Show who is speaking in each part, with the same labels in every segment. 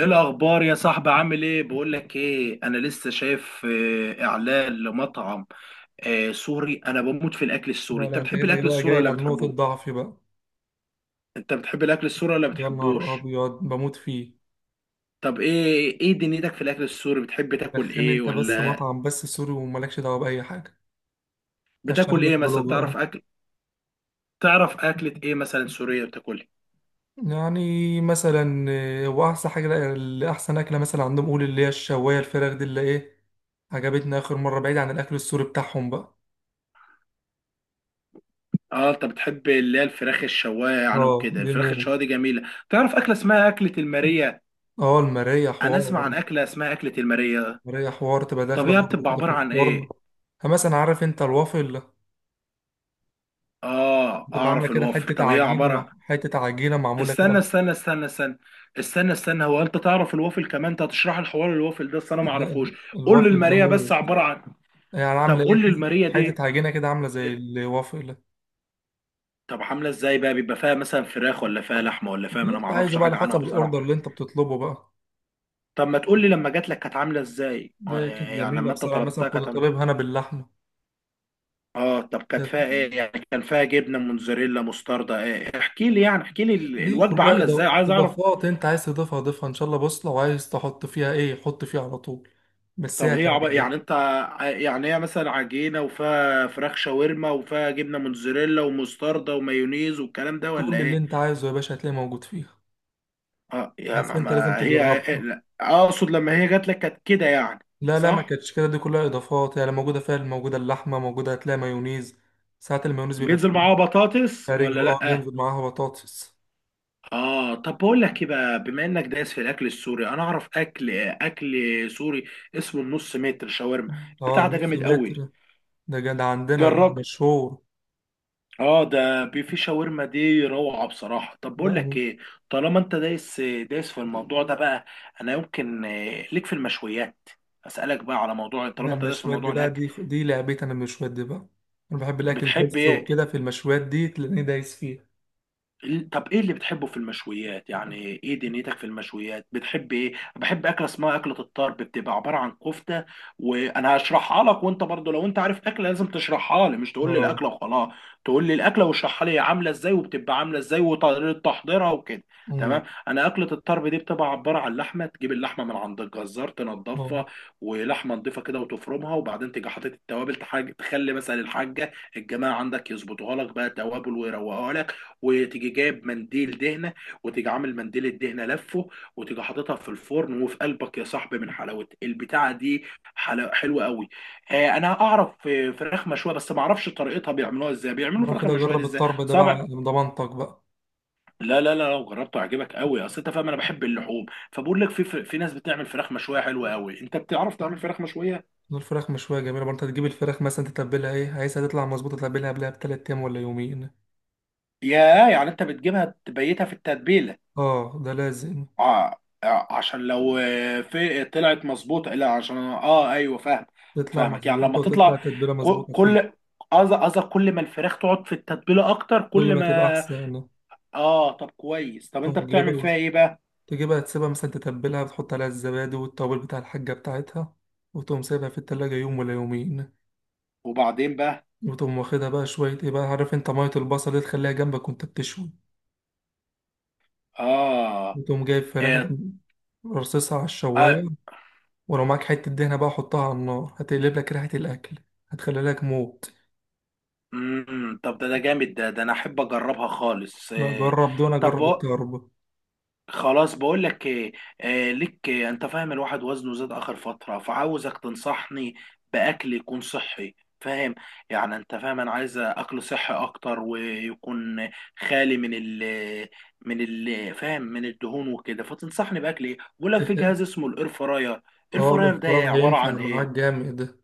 Speaker 1: ايه الاخبار يا صاحبي، عامل ايه؟ بقول لك ايه، انا لسه شايف اعلان لمطعم سوري. انا بموت في الاكل السوري.
Speaker 2: لا،
Speaker 1: انت
Speaker 2: لا، انت
Speaker 1: بتحب
Speaker 2: كده
Speaker 1: الاكل
Speaker 2: بقى
Speaker 1: السوري
Speaker 2: جاي
Speaker 1: ولا
Speaker 2: على نقطة
Speaker 1: بتحبوه؟
Speaker 2: ضعفي بقى.
Speaker 1: انت بتحب الاكل السوري ولا
Speaker 2: يا نهار
Speaker 1: بتحبوش؟
Speaker 2: أبيض، بموت فيه.
Speaker 1: طب ايه دنيتك في الاكل السوري؟ بتحب تاكل
Speaker 2: دخلني
Speaker 1: ايه،
Speaker 2: انت بس
Speaker 1: ولا
Speaker 2: مطعم بس سوري ومالكش دعوة بأي حاجة.
Speaker 1: بتاكل
Speaker 2: هشتغل لك
Speaker 1: ايه مثلا؟
Speaker 2: بلوجر.
Speaker 1: تعرف اكل؟ تعرف اكلة ايه مثلا سورية بتاكلها؟
Speaker 2: يعني مثلا وأحسن حاجة اللي أحسن أكلة مثلا عندهم، قول اللي هي الشواية الفراخ دي اللي إيه، عجبتني آخر مرة بعيد عن الأكل السوري بتاعهم بقى.
Speaker 1: اه، انت بتحب اللي هي الفراخ الشوايه يعني
Speaker 2: اه،
Speaker 1: وكده.
Speaker 2: دي
Speaker 1: الفراخ
Speaker 2: موت.
Speaker 1: الشوايه دي جميله. تعرف اكله اسمها اكله الماريه؟
Speaker 2: اه، المراية
Speaker 1: انا اسمع
Speaker 2: حوار.
Speaker 1: عن اكله اسمها اكله الماريه.
Speaker 2: المراية حوار تبقى
Speaker 1: طب
Speaker 2: داخلة
Speaker 1: هي
Speaker 2: برضه
Speaker 1: بتبقى
Speaker 2: كده في
Speaker 1: عباره عن
Speaker 2: الفرن.
Speaker 1: ايه؟
Speaker 2: مثلا عارف انت الوافل؟
Speaker 1: اه
Speaker 2: تبقى عاملة
Speaker 1: اعرف
Speaker 2: كده
Speaker 1: الوافل.
Speaker 2: حتة
Speaker 1: طب ايه
Speaker 2: عجينة مع
Speaker 1: عباره؟
Speaker 2: حتة عجينة معمولة كده.
Speaker 1: استنى استنى استنى استنى. استنى استنى، هو انت تعرف الوافل كمان؟ انت هتشرح الحوار الوافل ده؟ أصل انا ما
Speaker 2: لا،
Speaker 1: اعرفوش. قول لي
Speaker 2: الوافل ده
Speaker 1: الماريه بس
Speaker 2: موت.
Speaker 1: عباره عن.
Speaker 2: يعني عامله
Speaker 1: طب
Speaker 2: ايه؟
Speaker 1: قول لي الماريه
Speaker 2: حته حتة
Speaker 1: دي.
Speaker 2: عجينه كده عامله زي الوافل ده.
Speaker 1: طب عامله ازاي بقى؟ بيبقى فيها مثلا فراخ ولا فيها لحمه ولا فيها؟
Speaker 2: اللي
Speaker 1: انا ما
Speaker 2: انت عايزه
Speaker 1: اعرفش
Speaker 2: بقى على
Speaker 1: حاجه عنها
Speaker 2: حسب
Speaker 1: بصراحه.
Speaker 2: الاوردر اللي انت بتطلبه بقى.
Speaker 1: طب ما تقول لي لما جات لك كانت عامله ازاي؟
Speaker 2: ده كانت
Speaker 1: يعني
Speaker 2: جميله
Speaker 1: لما انت
Speaker 2: بصراحه، مثلا
Speaker 1: طلبتها
Speaker 2: كنت
Speaker 1: كانت عامله.
Speaker 2: طالبها انا باللحمه.
Speaker 1: اه طب كانت
Speaker 2: كانت-
Speaker 1: فيها ايه يعني؟ كان فيها جبنه موتزاريلا مستردة ايه؟ احكي لي، يعني احكي لي
Speaker 2: دي
Speaker 1: الوجبه
Speaker 2: كلها
Speaker 1: عامله ازاي؟ عايز اعرف.
Speaker 2: اضافات، انت عايز تضيفها ضيفها ان شاء الله. بص، لو عايز تحط فيها ايه حط فيها على طول. بس
Speaker 1: طب
Speaker 2: هي هتعجبك.
Speaker 1: يعني يعني هي مثلا عجينه وفيها فراخ شاورما وفيها جبنه موتزاريلا ومستردة ومايونيز والكلام ده ولا
Speaker 2: كل اللي
Speaker 1: ايه؟
Speaker 2: انت عايزه يا باشا هتلاقيه موجود فيها.
Speaker 1: اه يا
Speaker 2: بس
Speaker 1: ما,
Speaker 2: انت لازم
Speaker 1: ما هي إيه،
Speaker 2: تجربها.
Speaker 1: لا. اقصد لما هي جات لك كانت كده يعني.
Speaker 2: لا، لا، ما
Speaker 1: صح؟
Speaker 2: كانتش كده، دي كلها اضافات يعني موجوده فيها، موجوده اللحمه موجوده، هتلاقي مايونيز. ساعات المايونيز بيبقى
Speaker 1: بينزل
Speaker 2: خفيف.
Speaker 1: معاها بطاطس
Speaker 2: خارج.
Speaker 1: ولا
Speaker 2: اه،
Speaker 1: لا؟
Speaker 2: بينزل معاها بطاطس.
Speaker 1: اه طب بقول لك ايه بقى، بما انك دايس في الاكل السوري، انا اعرف اكل، اكل سوري اسمه النص متر شاورما.
Speaker 2: اه،
Speaker 1: البتاع ده
Speaker 2: نص
Speaker 1: جامد
Speaker 2: متر،
Speaker 1: قوي.
Speaker 2: ده جد عندنا ده
Speaker 1: جرب.
Speaker 2: مشهور.
Speaker 1: اه ده بيفي شاورما دي روعة بصراحة. طب بقول
Speaker 2: لا.
Speaker 1: لك ايه، طالما انت دايس دايس في الموضوع ده بقى، انا يمكن ليك في المشويات. اسألك بقى على موضوع
Speaker 2: ده
Speaker 1: طالما انت دايس في
Speaker 2: المشويات دي
Speaker 1: موضوع
Speaker 2: بقى،
Speaker 1: الاكل.
Speaker 2: دي دي لعبتي انا، المشويات دي بقى. انا بحب الاكل
Speaker 1: بتحب
Speaker 2: الهيلث
Speaker 1: ايه؟
Speaker 2: وكده، في المشويات دي تلاقيني دايس فيها.
Speaker 1: طب ايه اللي بتحبه في المشويات يعني؟ ايه دنيتك في المشويات؟ بتحب ايه؟ بحب اكله اسمها اكله الطرب. بتبقى عباره عن كفته، وانا هشرحها لك، وانت برضو لو انت عارف اكله لازم تشرحها لي، مش تقول لي الاكله
Speaker 2: اه.
Speaker 1: وخلاص. تقول لي الاكله واشرحها لي، هي عامله ازاي وبتبقى عامله ازاي وطريقه تحضيرها وكده.
Speaker 2: امم
Speaker 1: تمام. انا اكله الطرب دي بتبقى عباره عن لحمه، تجيب اللحمه من عند الجزار
Speaker 2: اه،
Speaker 1: تنضفها، ولحمه نضيفه كده وتفرمها، وبعدين تيجي حاطط التوابل، تخلي مثلا الحاجه الجماعه عندك يظبطوها لك بقى توابل ويروقوها لك، وتيجي جايب منديل دهنه، وتيجي عامل منديل الدهنه لفه، وتيجي حاططها في الفرن، وفي قلبك يا صاحبي من حلاوه البتاعه دي. حلوه قوي. انا اعرف فراخ مشويه، بس ما اعرفش طريقتها، بيعملوها ازاي؟ بيعملوا
Speaker 2: انا
Speaker 1: فراخ
Speaker 2: كده
Speaker 1: المشويه دي
Speaker 2: اجرب
Speaker 1: ازاي
Speaker 2: الطرب ده بقى على
Speaker 1: سبع.
Speaker 2: ضمانتك بقى.
Speaker 1: لا لا لا لو جربته هيعجبك قوي، اصل انت فاهم انا بحب اللحوم. فبقول لك، في ناس بتعمل فراخ مشويه حلوه قوي. انت بتعرف تعمل فراخ مشويه؟
Speaker 2: الفراخ مشوية جميلة برضه. انت تجيب الفراخ مثلا تتبلها ايه، عايزها تطلع مظبوطة تتبلها قبلها بتلات ايام ولا يومين.
Speaker 1: يا. يعني انت بتجيبها تبيتها في التتبيله؟
Speaker 2: اه، ده لازم.
Speaker 1: اه عشان لو في طلعت مظبوطه. لا عشان اه ايوه فاهم.
Speaker 2: تطلع
Speaker 1: فاهمك يعني لما
Speaker 2: مظبوطة وتطلع
Speaker 1: تطلع.
Speaker 2: تتبيلة مظبوطة فيه.
Speaker 1: كل، قصدك كل ما الفراخ تقعد في التتبيله اكتر
Speaker 2: كل
Speaker 1: كل
Speaker 2: ما تبقى
Speaker 1: ما.
Speaker 2: احسن.
Speaker 1: اه طب كويس. طب انت
Speaker 2: طب
Speaker 1: بتعمل
Speaker 2: جايبها،
Speaker 1: فيها ايه بقى؟
Speaker 2: تجيبها تسيبها مثلا تتبلها وتحط عليها الزبادي والتوابل بتاع الحاجة بتاعتها، وتقوم سايبها في التلاجة يوم ولا يومين.
Speaker 1: وبعدين بقى.
Speaker 2: وتقوم واخدها بقى شوية ايه بقى، عارف انت مية البصل دي تخليها جنبك وانت بتشوي.
Speaker 1: اه. آه.
Speaker 2: وتقوم جايب فراخك، رصصها على الشواية.
Speaker 1: آه.
Speaker 2: ولو معاك حتة دهنة بقى حطها على النار هتقلب لك ريحة الأكل، هتخلي لك موت.
Speaker 1: مم. طب ده ده جامد، ده ده انا احب اجربها خالص
Speaker 2: لا،
Speaker 1: آه.
Speaker 2: جرب. دون،
Speaker 1: طب
Speaker 2: جرب الطرب.
Speaker 1: خلاص بقول لك إيه، آه ليك إيه، انت فاهم الواحد وزنه زاد اخر فتره، فعاوزك تنصحني باكل يكون صحي، فاهم؟ يعني انت فاهم انا عايز اكل صحي اكتر ويكون خالي من ال من ال فاهم، من الدهون وكده. فتنصحني باكل ايه؟ بقول لك في
Speaker 2: تخ-
Speaker 1: جهاز اسمه الاير فراير. الاير
Speaker 2: اه،
Speaker 1: فراير ده
Speaker 2: الإفطار
Speaker 1: إيه؟ عباره
Speaker 2: هينفع
Speaker 1: عن
Speaker 2: معاك
Speaker 1: ايه؟
Speaker 2: جامد.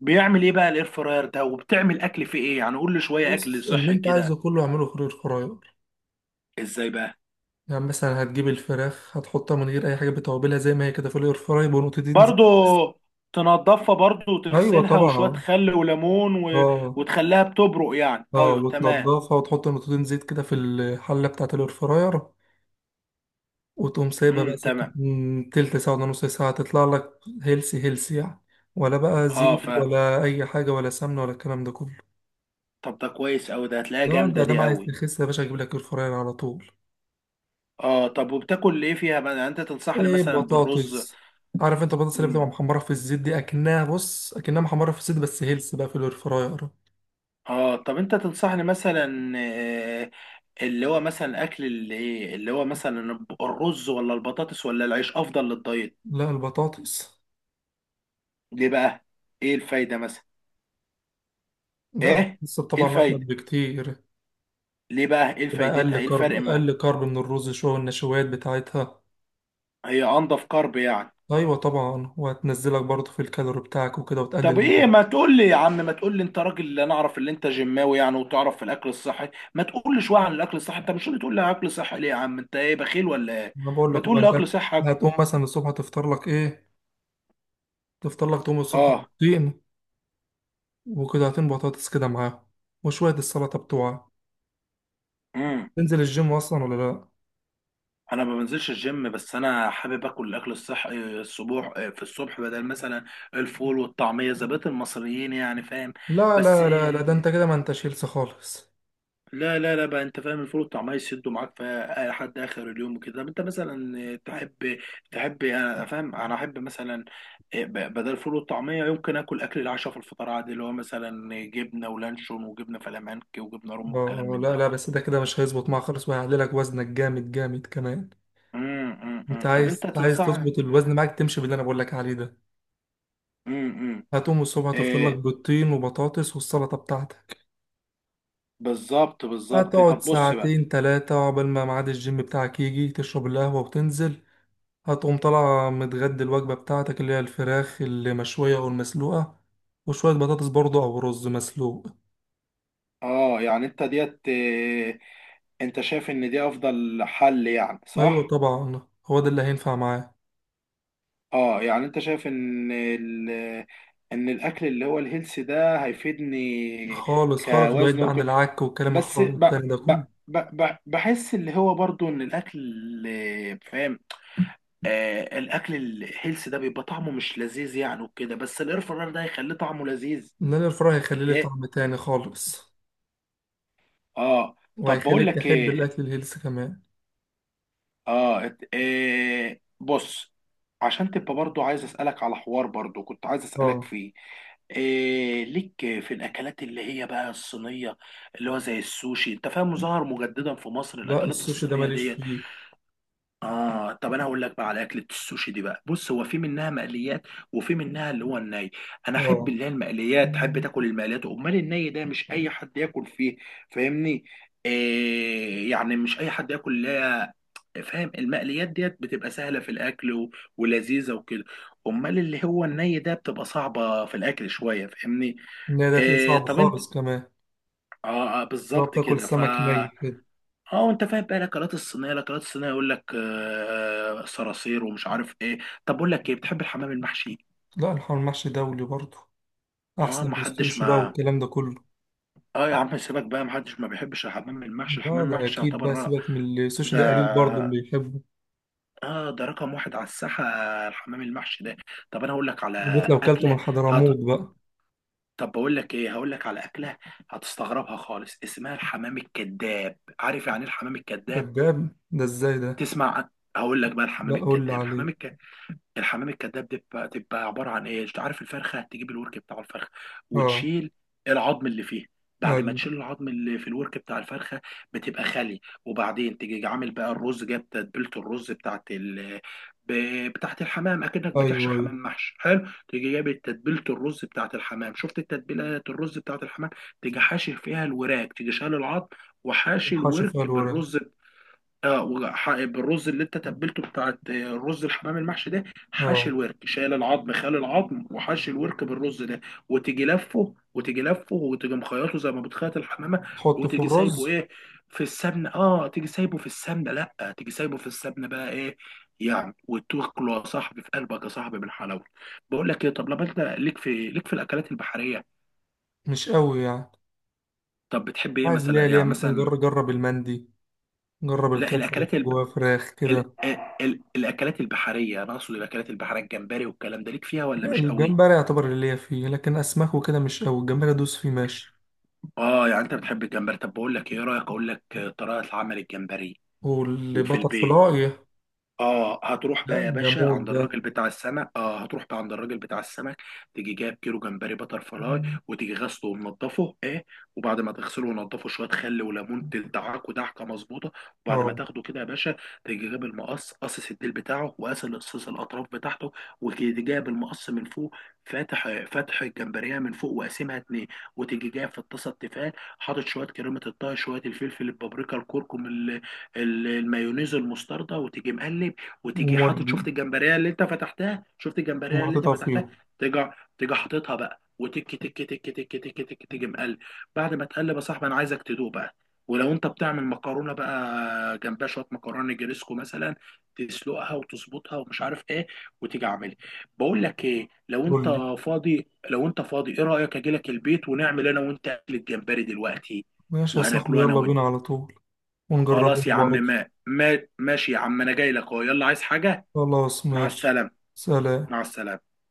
Speaker 1: بيعمل ايه بقى الاير فراير ده؟ وبتعمل اكل فيه ايه يعني؟ قول لي شويه اكل
Speaker 2: بص، اللي
Speaker 1: صحي
Speaker 2: انت
Speaker 1: كده.
Speaker 2: عايزه كله اعمله في الفراير.
Speaker 1: ازاي بقى؟
Speaker 2: يعني مثلا هتجيب الفراخ هتحطها من غير اي حاجه بتوابلها زي ما هي كده في الاير فراي بنقطتين زيت.
Speaker 1: برضو تنضفها برضو
Speaker 2: ايوه
Speaker 1: وتغسلها وشوية
Speaker 2: طبعا.
Speaker 1: خل وليمون و...
Speaker 2: اه.
Speaker 1: وتخليها بتبرق يعني؟
Speaker 2: اه،
Speaker 1: ايوه تمام.
Speaker 2: وتنضفها وتحط نقطتين زيت كده في الحله بتاعه الاير فراير. وتقوم سايبها بقى سكت
Speaker 1: تمام.
Speaker 2: من تلت ساعه ولا نص ساعه، تطلع لك هيلسي هيلسي يعني. ولا بقى
Speaker 1: اه
Speaker 2: زيت
Speaker 1: ف
Speaker 2: ولا اي حاجه ولا سمنه ولا الكلام ده كله.
Speaker 1: طب ده كويس اوي. ده هتلاقيها
Speaker 2: لا، انت
Speaker 1: جامدة
Speaker 2: ده
Speaker 1: دي
Speaker 2: عايز
Speaker 1: اوي.
Speaker 2: تخس يا باشا، اجيب لك اير فراير على طول.
Speaker 1: اه طب وبتاكل ايه فيها بقى يعني؟ انت تنصحني
Speaker 2: ايه،
Speaker 1: مثلا بالرز؟
Speaker 2: بطاطس. عارف انت البطاطس اللي بتبقى
Speaker 1: امم.
Speaker 2: محمره في الزيت دي؟ اكنها، بص، اكنها محمره في الزيت بس هيلث بقى في الاير فراير.
Speaker 1: اه طب انت تنصحني مثلا اللي هو مثلا اكل اللي ايه، اللي هو مثلا الرز ولا البطاطس ولا العيش افضل للدايت؟
Speaker 2: لا، البطاطس.
Speaker 1: ليه بقى؟ ايه الفايدة مثلا؟
Speaker 2: لا،
Speaker 1: ايه؟
Speaker 2: البطاطس
Speaker 1: ايه
Speaker 2: طبعا أجمد
Speaker 1: الفايدة؟
Speaker 2: بكتير.
Speaker 1: ليه بقى؟ ايه
Speaker 2: تبقى أقل
Speaker 1: فايدتها؟ ايه
Speaker 2: كارب،
Speaker 1: الفرق؟
Speaker 2: أقل كارب من الرز شوية، النشويات بتاعتها.
Speaker 1: هي انضف كارب يعني؟
Speaker 2: أيوة طبعا، وهتنزلك برضه في الكالوري بتاعك وكده،
Speaker 1: طب
Speaker 2: وتقلل من.
Speaker 1: ايه، ما تقول لي يا عم، ما تقول لي، انت راجل اللي انا اعرف، اللي انت جماوي يعني وتعرف في الاكل الصحي، ما تقول لي شويه عن الاكل الصحي. انت مش اللي تقول لي اكل صحي؟ ليه يا عم، انت ايه بخيل ولا ايه؟
Speaker 2: أنا بقول
Speaker 1: ما
Speaker 2: لك وبقى
Speaker 1: تقول لي
Speaker 2: أنت.
Speaker 1: اكل صحي اكل.
Speaker 2: هتقوم مثلا الصبح تفطر لك إيه؟ تفطر لك، تقوم الصبح
Speaker 1: اه.
Speaker 2: بيضتين وقطعتين بطاطس كده معاهم وشوية السلطة بتوعك.
Speaker 1: امم.
Speaker 2: تنزل الجيم أصلا ولا لأ؟
Speaker 1: انا ما بنزلش الجيم، بس انا حابب اكل الاكل الصحي الصبح، في الصبح بدل مثلا الفول والطعميه زي بقية المصريين يعني، فاهم؟
Speaker 2: لا،
Speaker 1: بس
Speaker 2: لا، لا، لا، ده أنت كده ما أنتش هيلث خالص.
Speaker 1: لا لا لا بقى، انت فاهم الفول طعمها يسدوا معاك في لحد اخر اليوم وكده. طب انت مثلا تحب، تحب يعني انا فاهم، انا احب مثلا إيه، بدل الفول والطعميه يمكن اكل اكل العشاء في الفطار عادي، اللي هو مثلا جبنه ولانشون وجبنه فلامنكي وجبنه رومي والكلام
Speaker 2: آه،
Speaker 1: من
Speaker 2: لا،
Speaker 1: ده.
Speaker 2: لا، بس ده كده مش هيظبط معاك خالص وهيعلي لك وزنك جامد جامد كمان. انت
Speaker 1: طب
Speaker 2: عايز
Speaker 1: انت
Speaker 2: عايز
Speaker 1: تنصح.
Speaker 2: تظبط الوزن معاك، تمشي باللي انا بقول لك عليه ده.
Speaker 1: إمم.
Speaker 2: هتقوم الصبح تفطر لك
Speaker 1: ايه
Speaker 2: بيضتين وبطاطس والسلطه بتاعتك.
Speaker 1: بالظبط بالظبط.
Speaker 2: هتقعد
Speaker 1: طب بص بقى.
Speaker 2: ساعتين ثلاثه عقبال ما ميعاد الجيم بتاعك يجي، تشرب القهوه وتنزل. هتقوم طالع متغدي الوجبه بتاعتك اللي هي الفراخ المشويه او المسلوقه وشويه بطاطس برضه او رز مسلوق.
Speaker 1: اه يعني انت ديت إيه؟ انت شايف ان دي افضل حل يعني
Speaker 2: ايوه
Speaker 1: صح؟
Speaker 2: طبعا، هو ده اللي هينفع معاه.
Speaker 1: اه يعني انت شايف ان ال... ان الاكل اللي هو الهيلثي ده هيفيدني؟
Speaker 2: خالص خالص، بعيد
Speaker 1: كوزن
Speaker 2: بقى عن
Speaker 1: وك...
Speaker 2: العك والكلام
Speaker 1: بس
Speaker 2: الخالص
Speaker 1: ب...
Speaker 2: التاني ده
Speaker 1: ب...
Speaker 2: كله.
Speaker 1: ب... ب... بحس اللي هو برضو ان الاكل فاهم، آه الاكل الهيلثي ده بيبقى طعمه مش لذيذ يعني وكده، بس الاير فراير ده هيخليه طعمه لذيذ.
Speaker 2: ان انا الفراخ هيخلي لي طعم
Speaker 1: ايه.
Speaker 2: تاني خالص،
Speaker 1: اه طب بقول
Speaker 2: وهيخليك
Speaker 1: لك
Speaker 2: تحب
Speaker 1: ايه،
Speaker 2: الاكل الهيلث كمان.
Speaker 1: إيه بص، عشان تبقى برضو عايز اسالك على حوار برضو كنت عايز اسالك
Speaker 2: اه.
Speaker 1: فيه. إيه ليك في الاكلات اللي هي بقى الصينيه؟ اللي هو زي السوشي. انت فاهم ظهر مجددا في مصر
Speaker 2: لا،
Speaker 1: الاكلات
Speaker 2: السوشي ده
Speaker 1: الصينيه
Speaker 2: ماليش
Speaker 1: ديت.
Speaker 2: فيه.
Speaker 1: اه طب انا هقول لك بقى على اكله السوشي دي بقى. بص، هو في منها مقليات وفي منها اللي هو الني. انا احب
Speaker 2: اه،
Speaker 1: اللي هي المقليات، احب تاكل المقليات، امال الني ده مش اي حد ياكل فيه. فاهمني؟ إيه يعني، مش اي حد ياكل اللي هي، فاهم، المقليات ديت بتبقى سهله في الاكل و... ولذيذه وكده. امال اللي هو الني ده بتبقى صعبه في الاكل شويه، فاهمني؟
Speaker 2: النهي ده تلاقيه
Speaker 1: إيه
Speaker 2: صعب
Speaker 1: طب انت.
Speaker 2: خالص كمان
Speaker 1: اه
Speaker 2: لو
Speaker 1: بالظبط
Speaker 2: بتاكل
Speaker 1: كده.
Speaker 2: سمك ني كده.
Speaker 1: اه انت فاهم بقى الاكلات الصينيه، الاكلات الصينيه يقول لك آه صراصير ومش عارف ايه. طب بقول لك ايه، بتحب الحمام المحشي؟
Speaker 2: لا، الحمام المحشي دولي برضه،
Speaker 1: اه
Speaker 2: احسن
Speaker 1: ما
Speaker 2: من
Speaker 1: حدش
Speaker 2: السوشي بقى
Speaker 1: ما،
Speaker 2: والكلام ده كله.
Speaker 1: اه يا عم سيبك بقى، ما حدش ما بيحبش الحمام المحشي.
Speaker 2: لا،
Speaker 1: الحمام
Speaker 2: ده
Speaker 1: المحشي
Speaker 2: اكيد
Speaker 1: يعتبر
Speaker 2: بقى، سيبك من السوشي
Speaker 1: ده،
Speaker 2: ده قليل برضه اللي يحبه،
Speaker 1: اه ده رقم واحد على الساحه الحمام المحشي ده. طب انا هقول لك على
Speaker 2: بالذات لو كلته من
Speaker 1: اكله، هت...
Speaker 2: حضرموت بقى.
Speaker 1: طب بقول لك ايه، هقول لك على اكله هتستغربها خالص، اسمها الحمام الكذاب. عارف يعني ايه الحمام الكذاب؟
Speaker 2: كداب، ده ازاي ده؟
Speaker 1: تسمع عن- هقول لك بقى
Speaker 2: لا،
Speaker 1: الحمام
Speaker 2: قول لي
Speaker 1: الكذاب.
Speaker 2: عليه.
Speaker 1: الحمام الكذاب، الحمام الكذاب دي بتبقى، تبقى عباره عن ايه؟ عارف الفرخه، تجيب الورك بتاع الفرخه
Speaker 2: اه.
Speaker 1: وتشيل العظم اللي فيه. بعد ما
Speaker 2: ايوه،
Speaker 1: تشيل العظم اللي في الورك بتاع الفرخه بتبقى خالي، وبعدين تيجي عامل بقى الرز، جاب تتبيله الرز بتاعت ال، بتاعت الحمام، اكنك بتحشي
Speaker 2: ايوه،
Speaker 1: حمام
Speaker 2: ايوه.
Speaker 1: محشي حلو، تيجي جايب تتبيله الرز بتاعت الحمام. شفت تتبيلات الرز بتاعت الحمام؟ تيجي حاشي فيها الوراك، تيجي شال العظم وحاشي
Speaker 2: الحاشي فيها
Speaker 1: الورك
Speaker 2: الورق.
Speaker 1: بالرز. اه بالرز اللي انت تبلته بتاعت رز الحمام المحشي ده، حشي
Speaker 2: اه،
Speaker 1: الورك شايل العظم، خال العظم وحشي الورك بالرز ده. وتيجي لفه، وتيجي لفه، وتيجي مخيطه زي ما بتخيط الحمامه.
Speaker 2: تحطه في
Speaker 1: وتيجي سايبه
Speaker 2: الرز.
Speaker 1: ايه، في السمنه، اه تيجي سايبه في السمنه، لا تيجي سايبه في السمنه بقى ايه يعني. وتاكله يا صاحبي في قلبك يا صاحبي بالحلاوه. بقول لك ايه، طب لما انت ليك في الاكلات البحريه.
Speaker 2: مش قوي يعني.
Speaker 1: طب بتحب ايه
Speaker 2: عايز ليه؟
Speaker 1: مثلا
Speaker 2: ليه
Speaker 1: يعني
Speaker 2: مثلا
Speaker 1: مثلا؟
Speaker 2: جرب جرب المندي، جرب
Speaker 1: لا
Speaker 2: الكبسة اللي
Speaker 1: الاكلات ال
Speaker 2: جواها فراخ كده.
Speaker 1: ال الاكلات البحريه انا اقصد. الاكلات البحريه الجمبري والكلام ده ليك فيها ولا
Speaker 2: يعني
Speaker 1: مش قوي؟
Speaker 2: الجمبري يعتبر اللي ليا فيه، لكن اسماك وكده مش قوي. الجمبري ادوس فيه ماشي.
Speaker 1: اه يعني انت بتحب الجمبري؟ طب بقول لك ايه، إيه رايك اقول لك طريقه عمل الجمبري وفي
Speaker 2: والبتر
Speaker 1: البيت؟
Speaker 2: فلاي.
Speaker 1: اه هتروح
Speaker 2: لا،
Speaker 1: بقى يا
Speaker 2: ده
Speaker 1: باشا
Speaker 2: مود
Speaker 1: عند
Speaker 2: ده.
Speaker 1: الراجل بتاع السمك، اه هتروح بقى عند الراجل بتاع السمك، تيجي جايب كيلو جمبري بتر فلاي، وتيجي غسله ومنضفه ايه. وبعد ما تغسله ونضفه شويه خل وليمون تدعكه دعكه مظبوطه. وبعد ما
Speaker 2: اه،
Speaker 1: تاخده كده يا باشا، تيجي جايب المقص قصص الديل بتاعه، وقاس قصص الاطراف بتاعته، وتيجي جايب المقص من فوق فاتح، فاتح الجمبريه من فوق وقاسمها اتنين. وتيجي جايب في الطاسه التيفال حاطط شويه كريمه الطهي، شويه الفلفل البابريكا الكركم، المايونيز والمستردة، وتيجي مقلب. وتيجي حاطط،
Speaker 2: ومودي،
Speaker 1: شفت الجمبريه اللي انت فتحتها، شفت الجمبريه اللي انت
Speaker 2: ومحطتها
Speaker 1: فتحتها.
Speaker 2: فيه.
Speaker 1: تيجي، تيجي حاططها بقى وتك تك تك تك تك تك، تيجي مقلب. بعد ما تقلب يا صاحبي انا عايزك تدوق بقى. ولو انت بتعمل مكرونه بقى جنبها شويه مكرونه جريسكو مثلا، تسلقها وتظبطها ومش عارف ايه، وتيجي عاملها. بقول لك ايه، لو انت
Speaker 2: قول لي.
Speaker 1: فاضي، لو انت فاضي ايه رايك اجي لك البيت ونعمل انا وانت اكل الجمبري دلوقتي
Speaker 2: ماشي يا صاحبي،
Speaker 1: وهناكله انا
Speaker 2: يلا
Speaker 1: وانت.
Speaker 2: بينا على طول، ونجربه
Speaker 1: خلاص يا عم،
Speaker 2: برضه.
Speaker 1: ما ما ماشي يا عم، انا جاي لك اهو، يلا عايز حاجة.
Speaker 2: خلاص
Speaker 1: مع
Speaker 2: ماشي.
Speaker 1: السلامة.
Speaker 2: سلام.
Speaker 1: مع السلامة.